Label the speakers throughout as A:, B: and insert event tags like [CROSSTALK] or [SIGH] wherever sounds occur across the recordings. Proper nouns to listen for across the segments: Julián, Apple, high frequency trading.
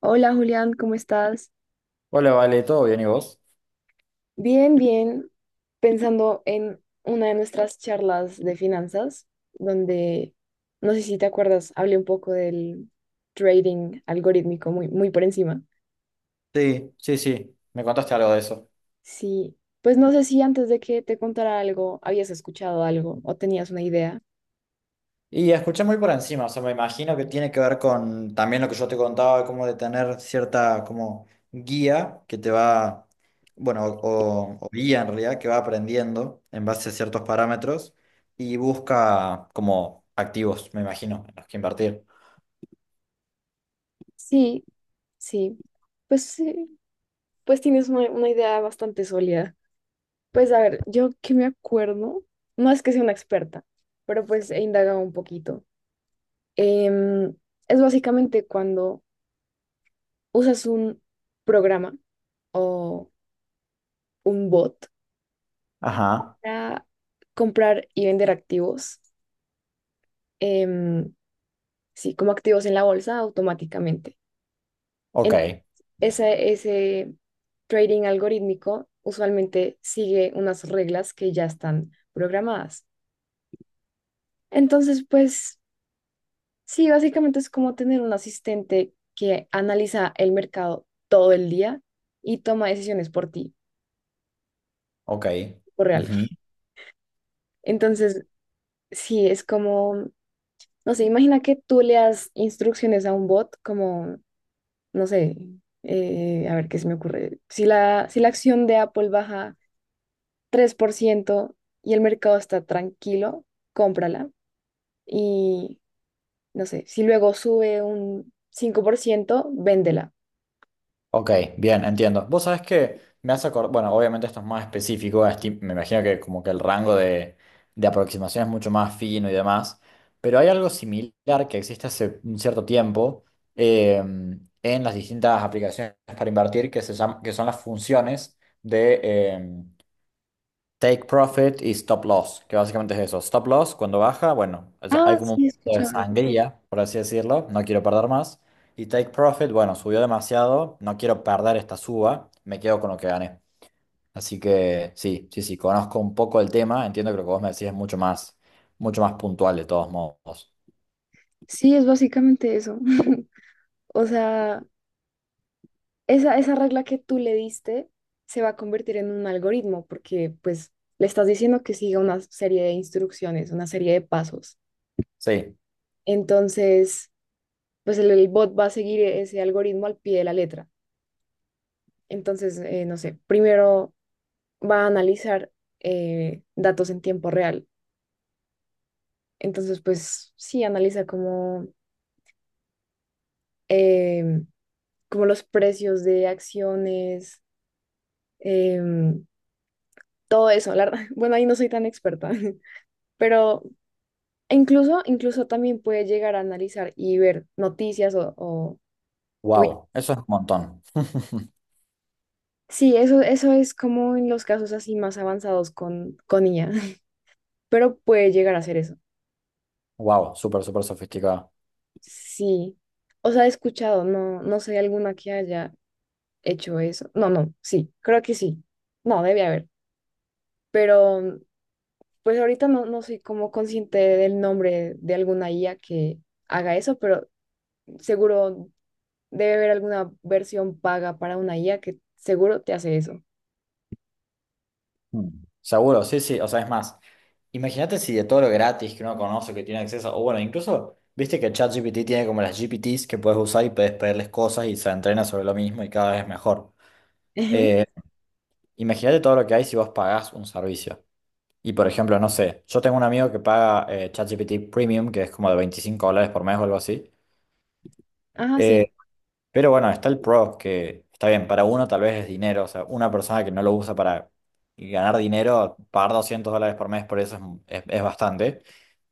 A: Hola Julián, ¿cómo estás?
B: Hola, Vale, ¿todo bien y vos?
A: Bien, bien. Pensando en una de nuestras charlas de finanzas, donde, no sé si te acuerdas, hablé un poco del trading algorítmico muy, muy por encima.
B: Sí, sí, sí, me contaste algo de eso.
A: Sí, pues no sé si antes de que te contara algo, habías escuchado algo o tenías una idea.
B: Y escuché muy por encima, o sea, me imagino que tiene que ver con también lo que yo te contaba, como de tener cierta como guía que te va, bueno, o guía en realidad, que va aprendiendo en base a ciertos parámetros y busca como activos, me imagino, en los que invertir.
A: Sí, sí. Pues sí, pues tienes una idea bastante sólida. Pues a ver, yo que me acuerdo, no es que sea una experta, pero pues he indagado un poquito. Em, es básicamente cuando usas un programa o un bot
B: Ajá,
A: para comprar y vender activos, em, sí, como activos en la bolsa automáticamente.
B: ok,
A: En ese trading algorítmico usualmente sigue unas reglas que ya están programadas. Entonces, pues sí, básicamente es como tener un asistente que analiza el mercado todo el día y toma decisiones por ti,
B: ok.
A: por entonces, sí, es como, no sé, imagina que tú le das instrucciones a un bot como, no sé, a ver qué se me ocurre. Si la acción de Apple baja 3% y el mercado está tranquilo, cómprala. Y, no sé, si luego sube un 5%, véndela.
B: Ok, bien, entiendo. Vos sabés que me hace acordar, bueno, obviamente esto es más específico, me imagino que como que el rango de aproximación es mucho más fino y demás, pero hay algo similar que existe hace un cierto tiempo eh, en las distintas aplicaciones para invertir que, se llama, que son las funciones de em, Take profit y stop loss, que básicamente es eso. Stop loss, cuando baja, bueno, o sea,
A: Ah,
B: hay como un
A: sí, he
B: poco de
A: escuchado.
B: sangría, por así decirlo, no quiero perder más. Y take profit, bueno, subió demasiado, no quiero perder esta suba, me quedo con lo que gané. Así que sí, sí, sí, conozco un poco el tema, entiendo que lo que vos me decís es mucho más puntual de todos modos.
A: Sí, es básicamente eso. [LAUGHS] O sea, esa regla que tú le diste se va a convertir en un algoritmo porque pues le estás diciendo que siga una serie de instrucciones, una serie de pasos.
B: Sí,
A: Entonces, pues el bot va a seguir ese algoritmo al pie de la letra. Entonces, no sé, primero va a analizar datos en tiempo real. Entonces, pues sí, analiza como, em, como los precios de acciones, em, todo eso. La verdad, [LAUGHS] bueno, ahí no soy tan experta. [LAUGHS] Pero incluso también puedes llegar a analizar y ver noticias o tweets.
B: wow, eso es un montón. [LAUGHS]
A: Sí, eso es como en los casos así más avanzados con IA, [LAUGHS] pero puede llegar a hacer eso.
B: Wow, súper, súper sofisticado.
A: Sí. O sea, he escuchado, no sé alguna que haya hecho eso. No, no, sí, creo que sí. No, debe haber. Pero pues ahorita no, no soy como consciente del nombre de alguna IA que haga eso, pero seguro debe haber alguna versión paga para una IA que seguro te hace eso.
B: Mm. Seguro, sí, sí, o sea, es más, imagínate si de todo lo gratis que uno conoce, que tiene acceso, o bueno, incluso, viste que ChatGPT tiene como las GPTs que puedes usar y puedes pedirles cosas y se entrena sobre lo mismo y cada vez es mejor.
A: Ajá.
B: Eh, imagínate todo lo que hay si vos pagás un servicio. Y por ejemplo, no sé, yo tengo un amigo que paga ChatGPT Premium, que es como de 25 dólares por mes o algo así.
A: Ah, sí,
B: Eh, Pero bueno, está el pro, que está bien, para uno tal vez es dinero, o sea, una persona que no lo usa para ganar dinero, pagar 200 dólares por mes por eso es bastante,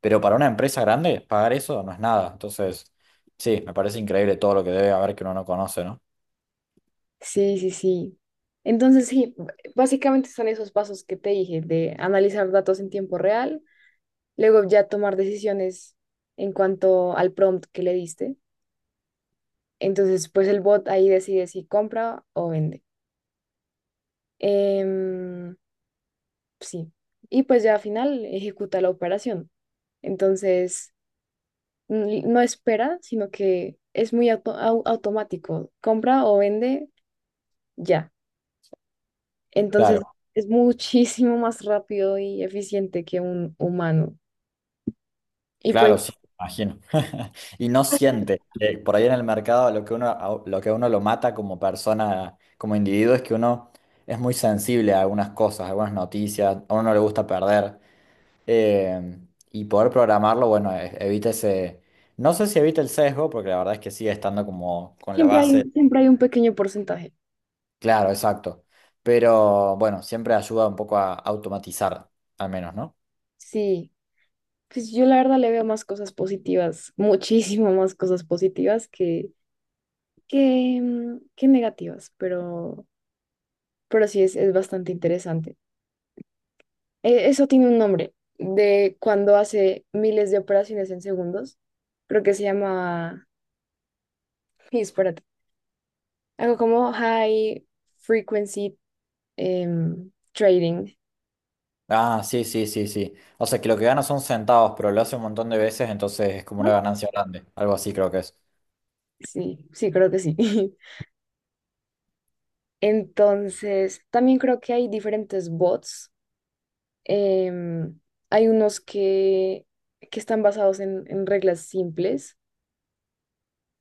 B: pero para una empresa grande, pagar eso no es nada. Entonces, sí, me parece increíble todo lo que debe haber que uno no conoce, ¿no?
A: sí, sí, sí. Entonces, sí, básicamente son esos pasos que te dije, de analizar datos en tiempo real, luego ya tomar decisiones en cuanto al prompt que le diste. Entonces, pues el bot ahí decide si compra o vende. Em, sí. Y pues ya al final ejecuta la operación. Entonces, no espera, sino que es muy automático. Compra o vende, ya. Entonces
B: Claro,
A: es muchísimo más rápido y eficiente que un humano. Y pues
B: claro, sí, me imagino. [LAUGHS] Y no siente que por ahí en el mercado lo que uno, lo que a uno lo mata como persona, como individuo, es que uno es muy sensible a algunas cosas, a algunas noticias, a uno no le gusta perder. Eh, y poder programarlo, bueno, evita ese... No sé si evita el sesgo, porque la verdad es que sigue estando como con la base.
A: siempre hay un pequeño porcentaje.
B: Claro, exacto. Pero bueno, siempre ayuda un poco a automatizar, al menos, ¿no?
A: Sí, pues yo la verdad le veo más cosas positivas, muchísimo más cosas positivas que negativas, pero sí es bastante interesante. Eso tiene un nombre de cuando hace miles de operaciones en segundos. Creo que se llama, [LAUGHS] espérate, algo como high frequency trading.
B: Ah, sí, sí, sí, sí. O sea, que lo que gana son centavos, pero lo hace un montón de veces, entonces es como una
A: ¿No?
B: ganancia grande. Algo así creo que es.
A: Sí, sí, creo que sí. [LAUGHS] Entonces, también creo que hay diferentes bots. em, Hay unos que están basados en reglas simples.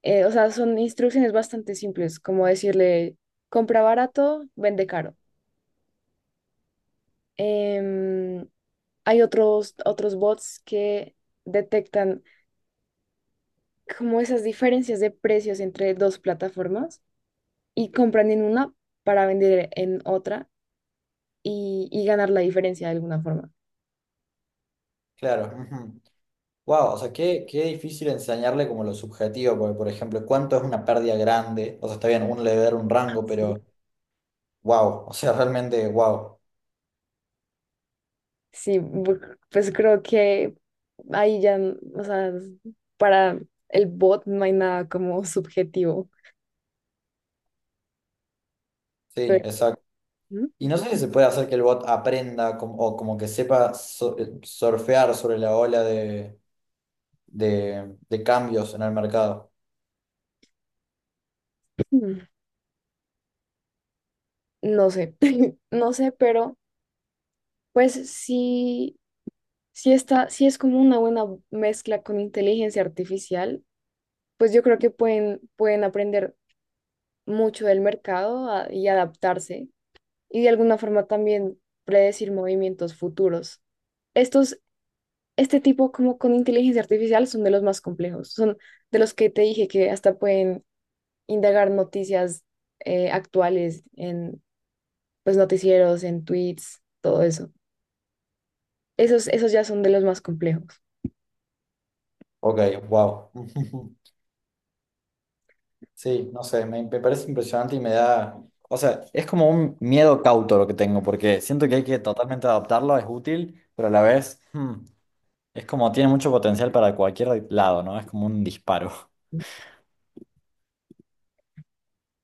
A: O sea, son instrucciones bastante simples, como decirle, compra barato, vende caro. Em, hay otros, otros bots que detectan como esas diferencias de precios entre dos plataformas y compran en una para vender en otra y ganar la diferencia de alguna forma.
B: Claro. Wow, o sea, qué, qué difícil enseñarle como lo subjetivo, porque por ejemplo, cuánto es una pérdida grande, o sea, está bien, uno le debe dar un rango,
A: Sí.
B: pero wow, o sea, realmente wow.
A: Sí, pues creo que ahí ya, o sea, para el bot no hay nada como subjetivo,
B: Sí,
A: pero
B: exacto.
A: ¿Mm?
B: Y no sé si se puede hacer que el bot aprenda o como que sepa surfear sobre la ola de, de cambios en el mercado.
A: mm, [CLEARS THROAT] no sé, [LAUGHS] no sé, pero pues sí, sí está, sí es como una buena mezcla con inteligencia artificial, pues yo creo que pueden aprender mucho del mercado y adaptarse y de alguna forma también predecir movimientos futuros. Estos, este tipo como con inteligencia artificial son de los más complejos, son de los que te dije que hasta pueden indagar noticias actuales en pues noticieros, en tweets, todo eso. Esos ya son de los más complejos.
B: Ok, wow. [LAUGHS] Sí, no sé, me parece impresionante y me da, o sea, es como un miedo cauto lo que tengo, porque siento que hay que totalmente adoptarlo, es útil, pero a la vez, hmm, es como tiene mucho potencial para cualquier lado, ¿no? Es como un disparo.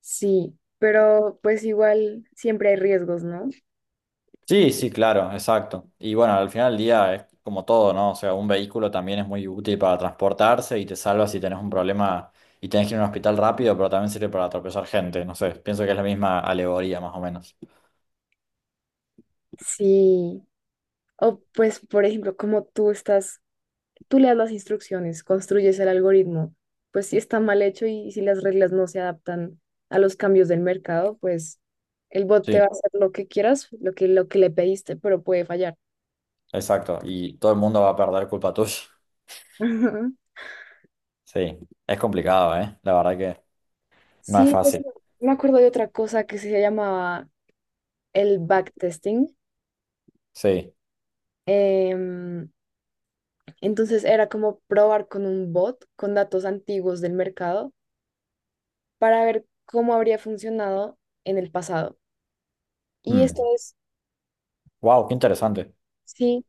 A: Sí, pero pues igual siempre hay riesgos, ¿no?
B: Sí, sí, claro, exacto. Y bueno, al final del día es como todo, ¿no? O sea, un vehículo también es muy útil para transportarse y te salva si tenés un problema y tenés que ir a un hospital rápido, pero también sirve para atropellar gente, no sé, pienso que es la misma alegoría más o menos.
A: Sí. O pues, por ejemplo, como tú le das las instrucciones, construyes el algoritmo, pues si está mal hecho y si las reglas no se adaptan a los cambios del mercado, pues el bot te va
B: Sí,
A: a hacer lo que quieras, lo que le pediste, pero puede fallar.
B: exacto. Y todo el mundo va a perder culpa tuya.
A: [LAUGHS] Ujú.
B: Sí, es complicado, ¿eh? La verdad que no es
A: Sí,
B: fácil.
A: me acuerdo de otra cosa que se llamaba el backtesting.
B: Sí.
A: Em, entonces era como probar con un bot, con datos antiguos del mercado, para ver cómo habría funcionado en el pasado. Y esto es,
B: Wow, qué interesante.
A: sí,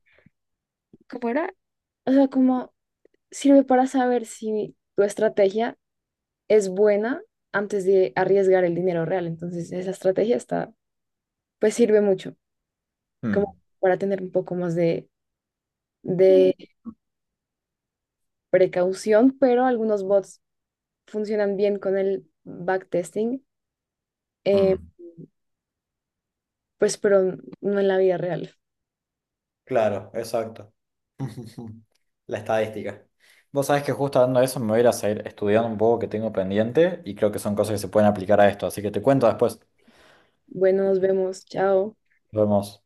A: ¿cómo era? O sea, como sirve para saber si tu estrategia es buena antes de arriesgar el dinero real. Entonces, esa estrategia está, pues sirve mucho,
B: Mm.
A: como para tener un poco más de
B: Mm.
A: precaución, pero algunos bots funcionan bien con el backtesting, eh,
B: Mm.
A: pues, pero no en la vida real.
B: Claro, exacto. [LAUGHS] La estadística. Vos sabés que justo hablando de eso me voy a ir a seguir estudiando un poco que tengo pendiente y creo que son cosas que se pueden aplicar a esto, así que te cuento después.
A: Bueno, nos vemos, chao.
B: Nos vemos.